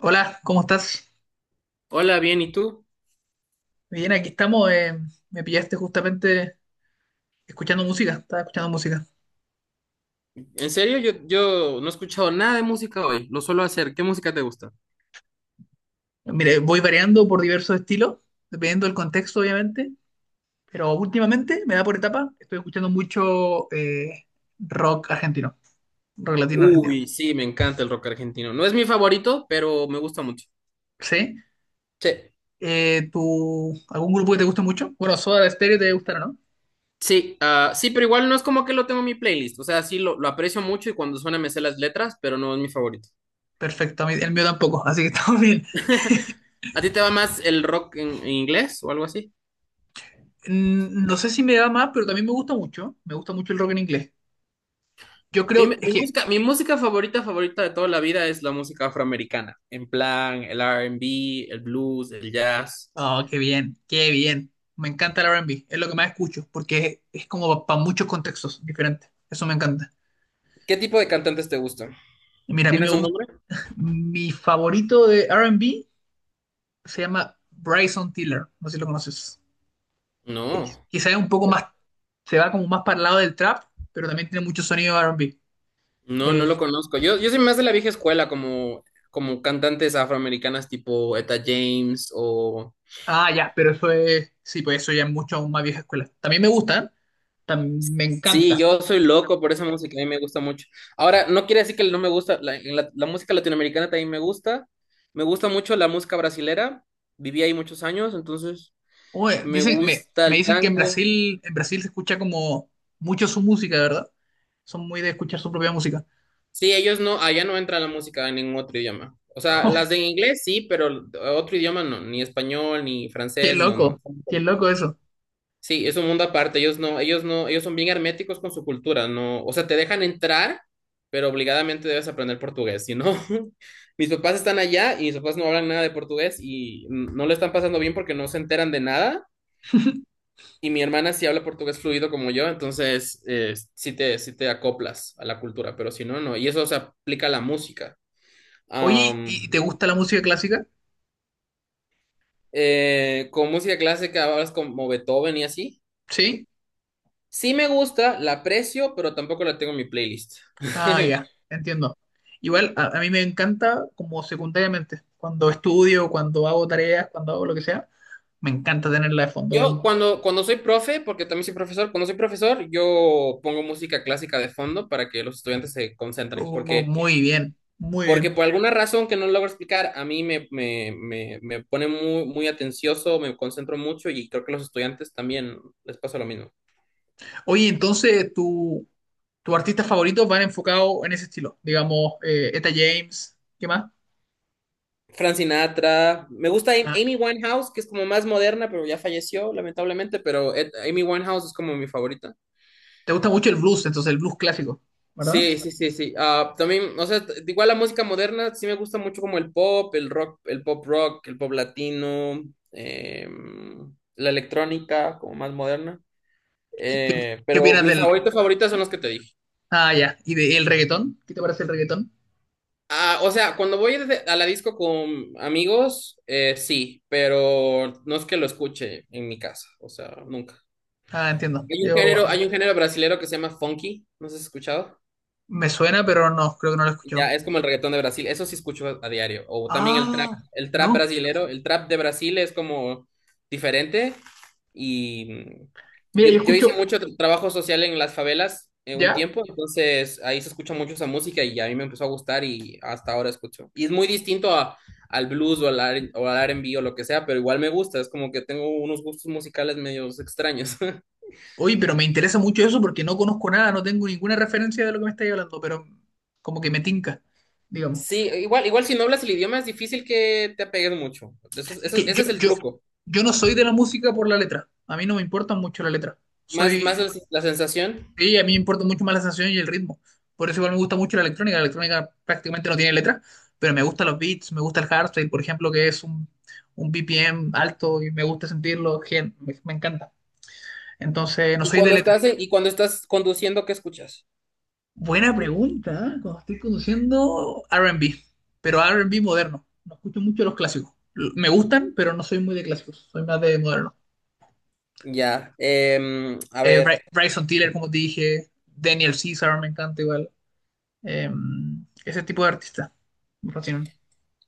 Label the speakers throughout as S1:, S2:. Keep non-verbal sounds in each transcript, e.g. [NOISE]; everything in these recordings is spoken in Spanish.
S1: Hola, ¿cómo estás?
S2: Hola, bien, ¿y tú?
S1: Bien, aquí estamos. Me pillaste justamente escuchando música. Estaba escuchando música.
S2: En serio, yo no he escuchado nada de música hoy, lo suelo hacer. ¿Qué música te gusta?
S1: Mire, voy variando por diversos estilos, dependiendo del contexto, obviamente. Pero últimamente me da por etapa. Estoy escuchando mucho rock argentino, rock latino argentino.
S2: Uy, sí, me encanta el rock argentino. No es mi favorito, pero me gusta mucho.
S1: ¿Sí?
S2: Sí,
S1: ¿Tú, algún grupo que te guste mucho? Bueno, Soda Stereo te gustará, ¿no?
S2: sí, ah, sí, pero igual no es como que lo tengo en mi playlist. O sea, sí, lo aprecio mucho y cuando suena me sé las letras, pero no es mi favorito.
S1: Perfecto, el mío tampoco, así que [LAUGHS] estamos bien.
S2: [LAUGHS] ¿A ti te va más el rock en inglés o algo así?
S1: No sé si me da más, pero también me gusta mucho. Me gusta mucho el rock en inglés. Yo creo, es
S2: Mi
S1: que…
S2: música favorita, favorita de toda la vida es la música afroamericana. En plan, el R&B, el blues, el jazz.
S1: Oh, qué bien, qué bien. Me encanta el R&B, es lo que más escucho, porque es como para muchos contextos diferentes. Eso me encanta.
S2: ¿Qué tipo de cantantes te gustan?
S1: Y mira, a mí me
S2: ¿Tienes un
S1: gusta.
S2: nombre?
S1: Mi favorito de R&B se llama Bryson Tiller, no sé si lo conoces. Eh,
S2: No,
S1: Quizá es un poco más, se va como más para el lado del trap, pero también tiene mucho sonido de R&B.
S2: no, no lo
S1: Eh,
S2: conozco. Yo soy más de la vieja escuela, como, como cantantes afroamericanas tipo Etta James o...
S1: ah, ya, pero eso es, sí, pues eso ya es mucho más vieja escuela. También me gustan, me
S2: Sí,
S1: encanta…
S2: yo soy loco por esa música, a mí me gusta mucho. Ahora, no quiere decir que no me gusta, la música latinoamericana también me gusta. Me gusta mucho la música brasilera, viví ahí muchos años, entonces
S1: Oye,
S2: me
S1: dicen,
S2: gusta
S1: me
S2: el
S1: dicen que
S2: tango.
S1: En Brasil se escucha como mucho su música, ¿verdad? Son muy de escuchar su propia música.
S2: Sí, ellos no, allá no entra la música en ningún otro idioma. O sea, las de
S1: [LAUGHS]
S2: inglés sí, pero otro idioma no, ni español, ni
S1: Qué
S2: francés, no,
S1: loco,
S2: no.
S1: qué loco eso.
S2: Sí, es un mundo aparte. Ellos no, ellos no, ellos son bien herméticos con su cultura, no, o sea, te dejan entrar, pero obligadamente debes aprender portugués, si no, [LAUGHS] mis papás están allá y mis papás no hablan nada de portugués y no le están pasando bien porque no se enteran de nada. Y mi hermana sí habla portugués fluido como yo, entonces sí te acoplas a la cultura, pero si no, no. Y eso se aplica a la música.
S1: Oye,
S2: Am,
S1: y te gusta la música clásica?
S2: con música clásica hablas como Beethoven y así.
S1: Sí.
S2: Sí me gusta, la aprecio, pero tampoco la tengo en mi playlist.
S1: Ah, ya,
S2: [LAUGHS]
S1: entiendo. Igual, a mí me encanta como secundariamente. Cuando estudio, cuando hago tareas, cuando hago lo que sea, me encanta tenerla de fondo.
S2: Yo cuando, cuando soy profe, porque también soy profesor, cuando soy profesor, yo pongo música clásica de fondo para que los estudiantes se concentren,
S1: Oh,
S2: porque,
S1: muy bien, muy
S2: porque
S1: bien.
S2: por alguna razón que no logro explicar, a mí me pone muy, muy atencioso, me concentro mucho y creo que a los estudiantes también les pasa lo mismo.
S1: Oye, entonces, ¿tu, tus artistas favoritos van enfocados en ese estilo? Digamos, Etta James, ¿qué más?
S2: Frank Sinatra, me gusta
S1: Ah,
S2: Amy Winehouse, que es como más moderna, pero ya falleció lamentablemente, pero Amy Winehouse es como mi favorita.
S1: te gusta mucho el blues, entonces el blues clásico, ¿verdad?
S2: Sí, sí, sí, sí. Ah, también, o sea, igual la música moderna sí me gusta mucho como el pop, el rock, el pop latino, la electrónica como más moderna.
S1: ¿Qué, qué- ¿Qué
S2: Pero
S1: opinas
S2: mi
S1: del…
S2: favorito favorita son los que te dije.
S1: Ah, ya. ¿Y del reggaetón? ¿Qué te parece el reggaetón?
S2: Ah, o sea, cuando voy a la disco con amigos, sí, pero no es que lo escuche en mi casa, o sea, nunca.
S1: Ah, entiendo. Yo
S2: Hay un género brasilero que se llama funky, ¿no has escuchado?
S1: Me suena, pero no, creo que no lo escucho.
S2: Ya, es como el reggaetón de Brasil, eso sí escucho a diario. O también
S1: Ah,
S2: el trap
S1: no.
S2: brasilero, el trap de Brasil es como diferente. Y mm,
S1: Mira,
S2: yo,
S1: yo
S2: yo
S1: escucho…
S2: hice mucho trabajo social en las favelas un
S1: ¿Ya?
S2: tiempo, entonces ahí se escucha mucho esa música y a mí me empezó a gustar y hasta ahora escucho. Y es muy distinto al blues o al, o al R&B o lo que sea, pero igual me gusta, es como que tengo unos gustos musicales medios extraños. [LAUGHS]
S1: Oye, pero me interesa mucho eso porque no conozco nada, no tengo ninguna referencia de lo que me estáis hablando, pero como que me tinca, digamos.
S2: Sí, igual, igual si no hablas el idioma es difícil que te apegues mucho. Eso,
S1: Es que
S2: ese es el truco.
S1: yo no soy de la música por la letra. A mí no me importa mucho la letra.
S2: Más, más
S1: Soy…
S2: la sensación.
S1: Sí, a mí me importa mucho más la sensación y el ritmo. Por eso igual me gusta mucho la electrónica. La electrónica prácticamente no tiene letra, pero me gustan los beats, me gusta el hardstyle, por ejemplo, que es un BPM alto y me gusta sentirlo, me encanta. Entonces, no
S2: Y
S1: soy de
S2: cuando
S1: letra.
S2: y cuando estás conduciendo, ¿qué escuchas?
S1: Buena pregunta, ¿eh? Cuando estoy conduciendo R&B, pero R&B moderno. No escucho mucho los clásicos. Me gustan, pero no soy muy de clásicos, soy más de moderno.
S2: Ya, a ver.
S1: Bryson Tiller, como te dije, Daniel Caesar me encanta igual. Em, ese tipo de artistas me fascinan.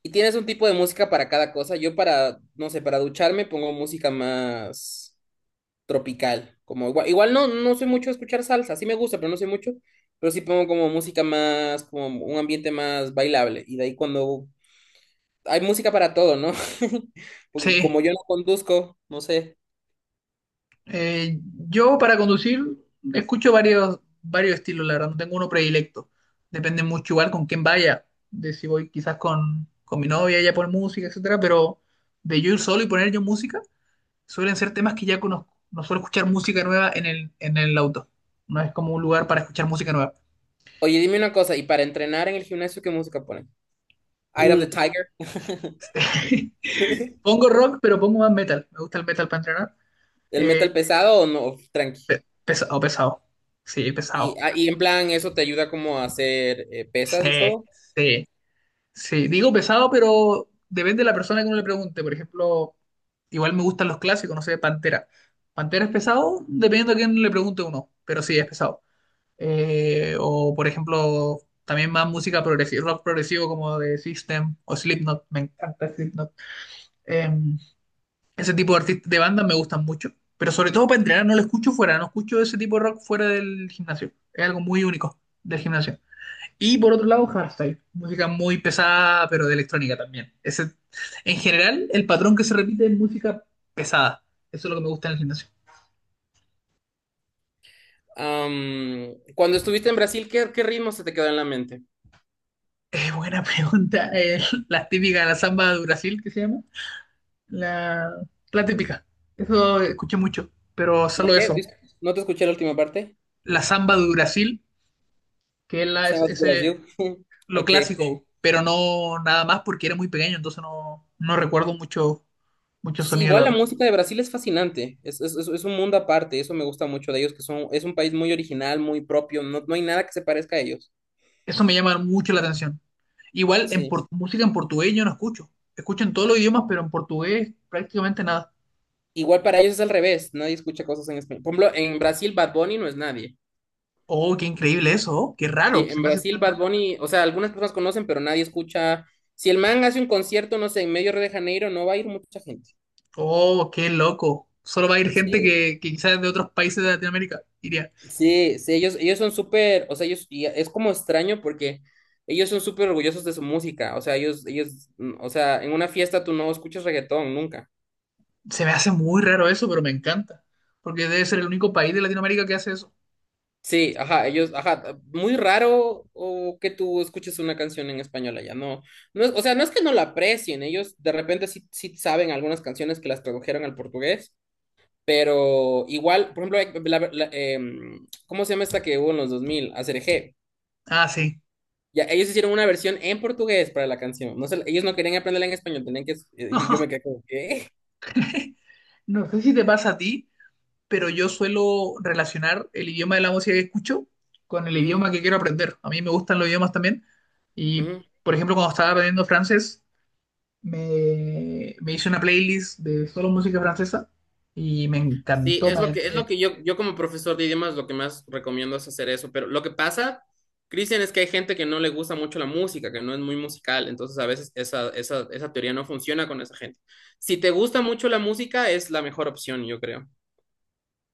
S2: ¿Y tienes un tipo de música para cada cosa? Yo para, no sé, para ducharme pongo música más tropical, como igual, igual no, no soy mucho de escuchar salsa, sí me gusta, pero no soy mucho, pero sí pongo como música más, como un ambiente más bailable. Y de ahí cuando hay música para todo, ¿no? [LAUGHS] Porque y
S1: Sí,
S2: como yo no conduzco, no sé.
S1: eh, yo para conducir escucho varios, varios estilos, la verdad, no tengo uno predilecto. Depende mucho igual con quién vaya, de si voy quizás con mi novia, ella pone música, etcétera, pero de yo ir solo y poner yo música, suelen ser temas que ya conozco. No suelo escuchar música nueva en el auto. No es como un lugar para escuchar música nueva.
S2: Oye, dime una cosa, ¿y para entrenar en el gimnasio qué música ponen? Eye of
S1: Uh,
S2: the Tiger.
S1: [LAUGHS]
S2: [LAUGHS]
S1: pongo rock, pero pongo más metal. Me gusta el metal para entrenar.
S2: ¿El
S1: Eh,
S2: metal pesado o no? Tranqui.
S1: Pesado, pesado. Sí,
S2: Y,
S1: pesado.
S2: ah, y en plan, ¿eso te ayuda como a hacer pesas y
S1: Sí,
S2: todo?
S1: sí. Sí, digo pesado, pero depende de la persona que uno le pregunte. Por ejemplo, igual me gustan los clásicos, no sé, Pantera. Pantera es pesado, dependiendo a quién le pregunte uno, pero sí es pesado. O, por ejemplo, también más música progresiva, rock progresivo como de System o Slipknot, me encanta Slipknot. Eh, Ese tipo de artistas, de bandas me gustan mucho, pero sobre todo para entrenar no lo escucho fuera, no escucho ese tipo de rock fuera del gimnasio. Es algo muy único del gimnasio. Y por otro lado, hardstyle, música muy pesada, pero de electrónica también. Ese, en general, el patrón que se repite es música pesada. Eso es lo que me gusta en el gimnasio.
S2: Am, cuando estuviste en Brasil, ¿qué, qué ritmo se te quedó en la mente?
S1: Buena [LAUGHS] pregunta. La típica, la samba de Brasil, que se llama. La, la típica. Eso escuché mucho, pero
S2: ¿La
S1: solo
S2: qué?
S1: eso.
S2: No te escuché la última parte.
S1: La samba de Brasil, que es,
S2: Sabas
S1: ese,
S2: Brasil. [LAUGHS]
S1: lo
S2: Ok.
S1: clásico, pero no nada más porque era muy pequeño, entonces no recuerdo mucho, mucho
S2: Sí,
S1: sonido, la
S2: igual la
S1: verdad.
S2: música de Brasil es fascinante. Es, es un mundo aparte. Eso me gusta mucho de ellos, que son, es un país muy original, muy propio. No, no hay nada que se parezca a ellos.
S1: Eso me llama mucho la atención. Igual
S2: Sí.
S1: música en portugués yo no escucho. Escucho en todos los idiomas, pero en portugués prácticamente nada.
S2: Igual para ellos es al revés. Nadie escucha cosas en español. Por ejemplo, en Brasil Bad Bunny no es nadie.
S1: Oh, qué increíble eso, oh, qué
S2: Sí,
S1: raro, se
S2: en
S1: me hace
S2: Brasil
S1: tan
S2: Bad
S1: raro.
S2: Bunny, o sea, algunas personas conocen, pero nadie escucha. Si el man hace un concierto, no sé, en medio de Río de Janeiro, no va a ir mucha gente.
S1: Oh, qué loco. Solo va a ir gente
S2: Sí.
S1: que quizás de otros países de Latinoamérica iría.
S2: Sí, sí, ellos son súper, o sea, ellos, y es como extraño porque ellos son súper orgullosos de su música, o sea, ellos, mm, o sea, en una fiesta tú no escuchas reggaetón, nunca.
S1: Se me hace muy raro eso, pero me encanta. Porque debe ser el único país de Latinoamérica que hace eso.
S2: Sí, ajá, ellos, ajá, muy raro o que tú escuches una canción en español allá, no, no es, o sea, no es que no la aprecien, ellos de repente sí, sí saben algunas canciones que las tradujeron al portugués, pero igual, por ejemplo, ¿cómo se llama esta que hubo en los 2000, Aserejé.
S1: Ah, sí.
S2: Ya, ellos hicieron una versión en portugués para la canción. Ellos no querían aprenderla en español, tenían que... y yo me
S1: [LAUGHS]
S2: quedé como, ¿qué?
S1: No sé si te pasa a ti, pero yo suelo relacionar el idioma de la música que escucho con el
S2: Ujú,
S1: idioma que quiero aprender. A mí me gustan los idiomas también. Y,
S2: ujú.
S1: por ejemplo, cuando estaba aprendiendo francés, me hice una playlist de solo música francesa y me
S2: Sí,
S1: encantó. Me
S2: es lo
S1: adentré.
S2: que yo como profesor de idiomas lo que más recomiendo es hacer eso. Pero lo que pasa, Cristian, es que hay gente que no le gusta mucho la música, que no es muy musical. Entonces a veces esa teoría no funciona con esa gente. Si te gusta mucho la música, es la mejor opción, yo creo.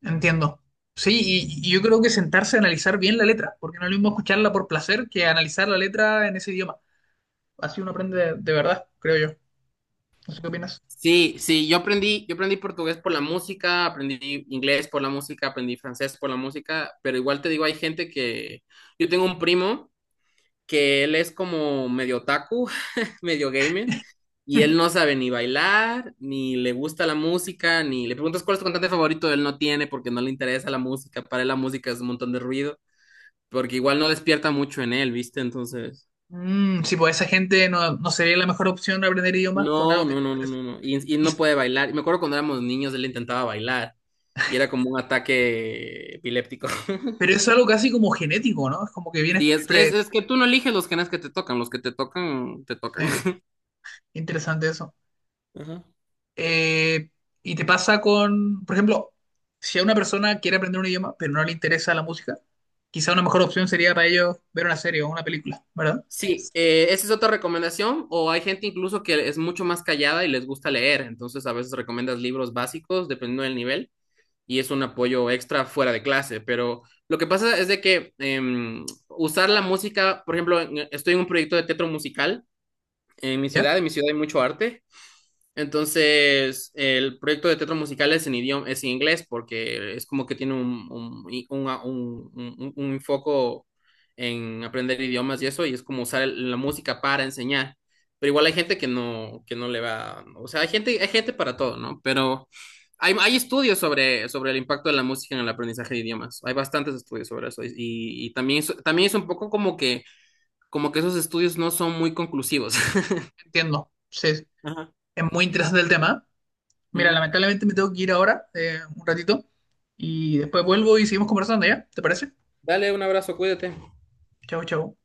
S1: Entiendo. Sí, y yo creo que sentarse a analizar bien la letra, porque no es lo mismo escucharla por placer que analizar la letra en ese idioma. Así uno aprende de verdad, creo yo. No sé qué opinas.
S2: Sí, sí, yo aprendí portugués por la música, aprendí inglés por la música, aprendí francés por la música, pero igual te digo, hay gente que, yo tengo un primo que él es como medio otaku, [LAUGHS] medio gamer, y él
S1: [LAUGHS]
S2: no sabe ni bailar, ni le gusta la música, ni le preguntas cuál es tu cantante favorito, él no tiene porque no le interesa la música, para él la música es un montón de ruido, porque igual no despierta mucho en él, ¿viste? Entonces...
S1: Mm, sí, pues esa gente no, no sería la mejor opción aprender idiomas con
S2: No,
S1: algo que
S2: no,
S1: no
S2: no, no,
S1: interesa.
S2: no, no. Y no
S1: Es-
S2: puede bailar. Me acuerdo cuando éramos niños, él intentaba bailar y era como un ataque epiléptico. [LAUGHS]
S1: pero es algo casi como genético, ¿no? Es como que vienes
S2: Sí,
S1: pre…
S2: es que tú no eliges los genes que te tocan, los que te tocan, te tocan.
S1: eh,
S2: [LAUGHS]
S1: interesante eso.
S2: Ajá.
S1: Eh, y te pasa con, por ejemplo, si a una persona quiere aprender un idioma, pero no le interesa la música, quizá una mejor opción sería para ellos ver una serie o una película, ¿verdad?
S2: Sí, esa es otra recomendación, o hay gente incluso que es mucho más callada y les gusta leer, entonces a veces recomiendas libros básicos, dependiendo del nivel, y es un apoyo extra fuera de clase, pero lo que pasa es de que usar la música, por ejemplo, estoy en un proyecto de teatro musical
S1: ¿Ya?
S2: en mi ciudad hay mucho arte. Entonces, el proyecto de teatro musical es en idioma, es en inglés, porque es como que tiene un, un foco en aprender idiomas y eso, y es como usar la música para enseñar. Pero igual hay gente que no le va, o sea, hay gente para todo, ¿no? Pero hay estudios sobre, sobre el impacto de la música en el aprendizaje de idiomas. Hay bastantes estudios sobre eso. Y también, también es un poco como que esos estudios no son muy conclusivos.
S1: Entiendo. Sí,
S2: [LAUGHS]
S1: es muy interesante el tema. Mira,
S2: Ujú.
S1: lamentablemente me tengo que ir ahora, un ratito, y después vuelvo y seguimos conversando, ¿ya? ¿Te parece?
S2: Dale un abrazo, cuídate.
S1: Chau, chau.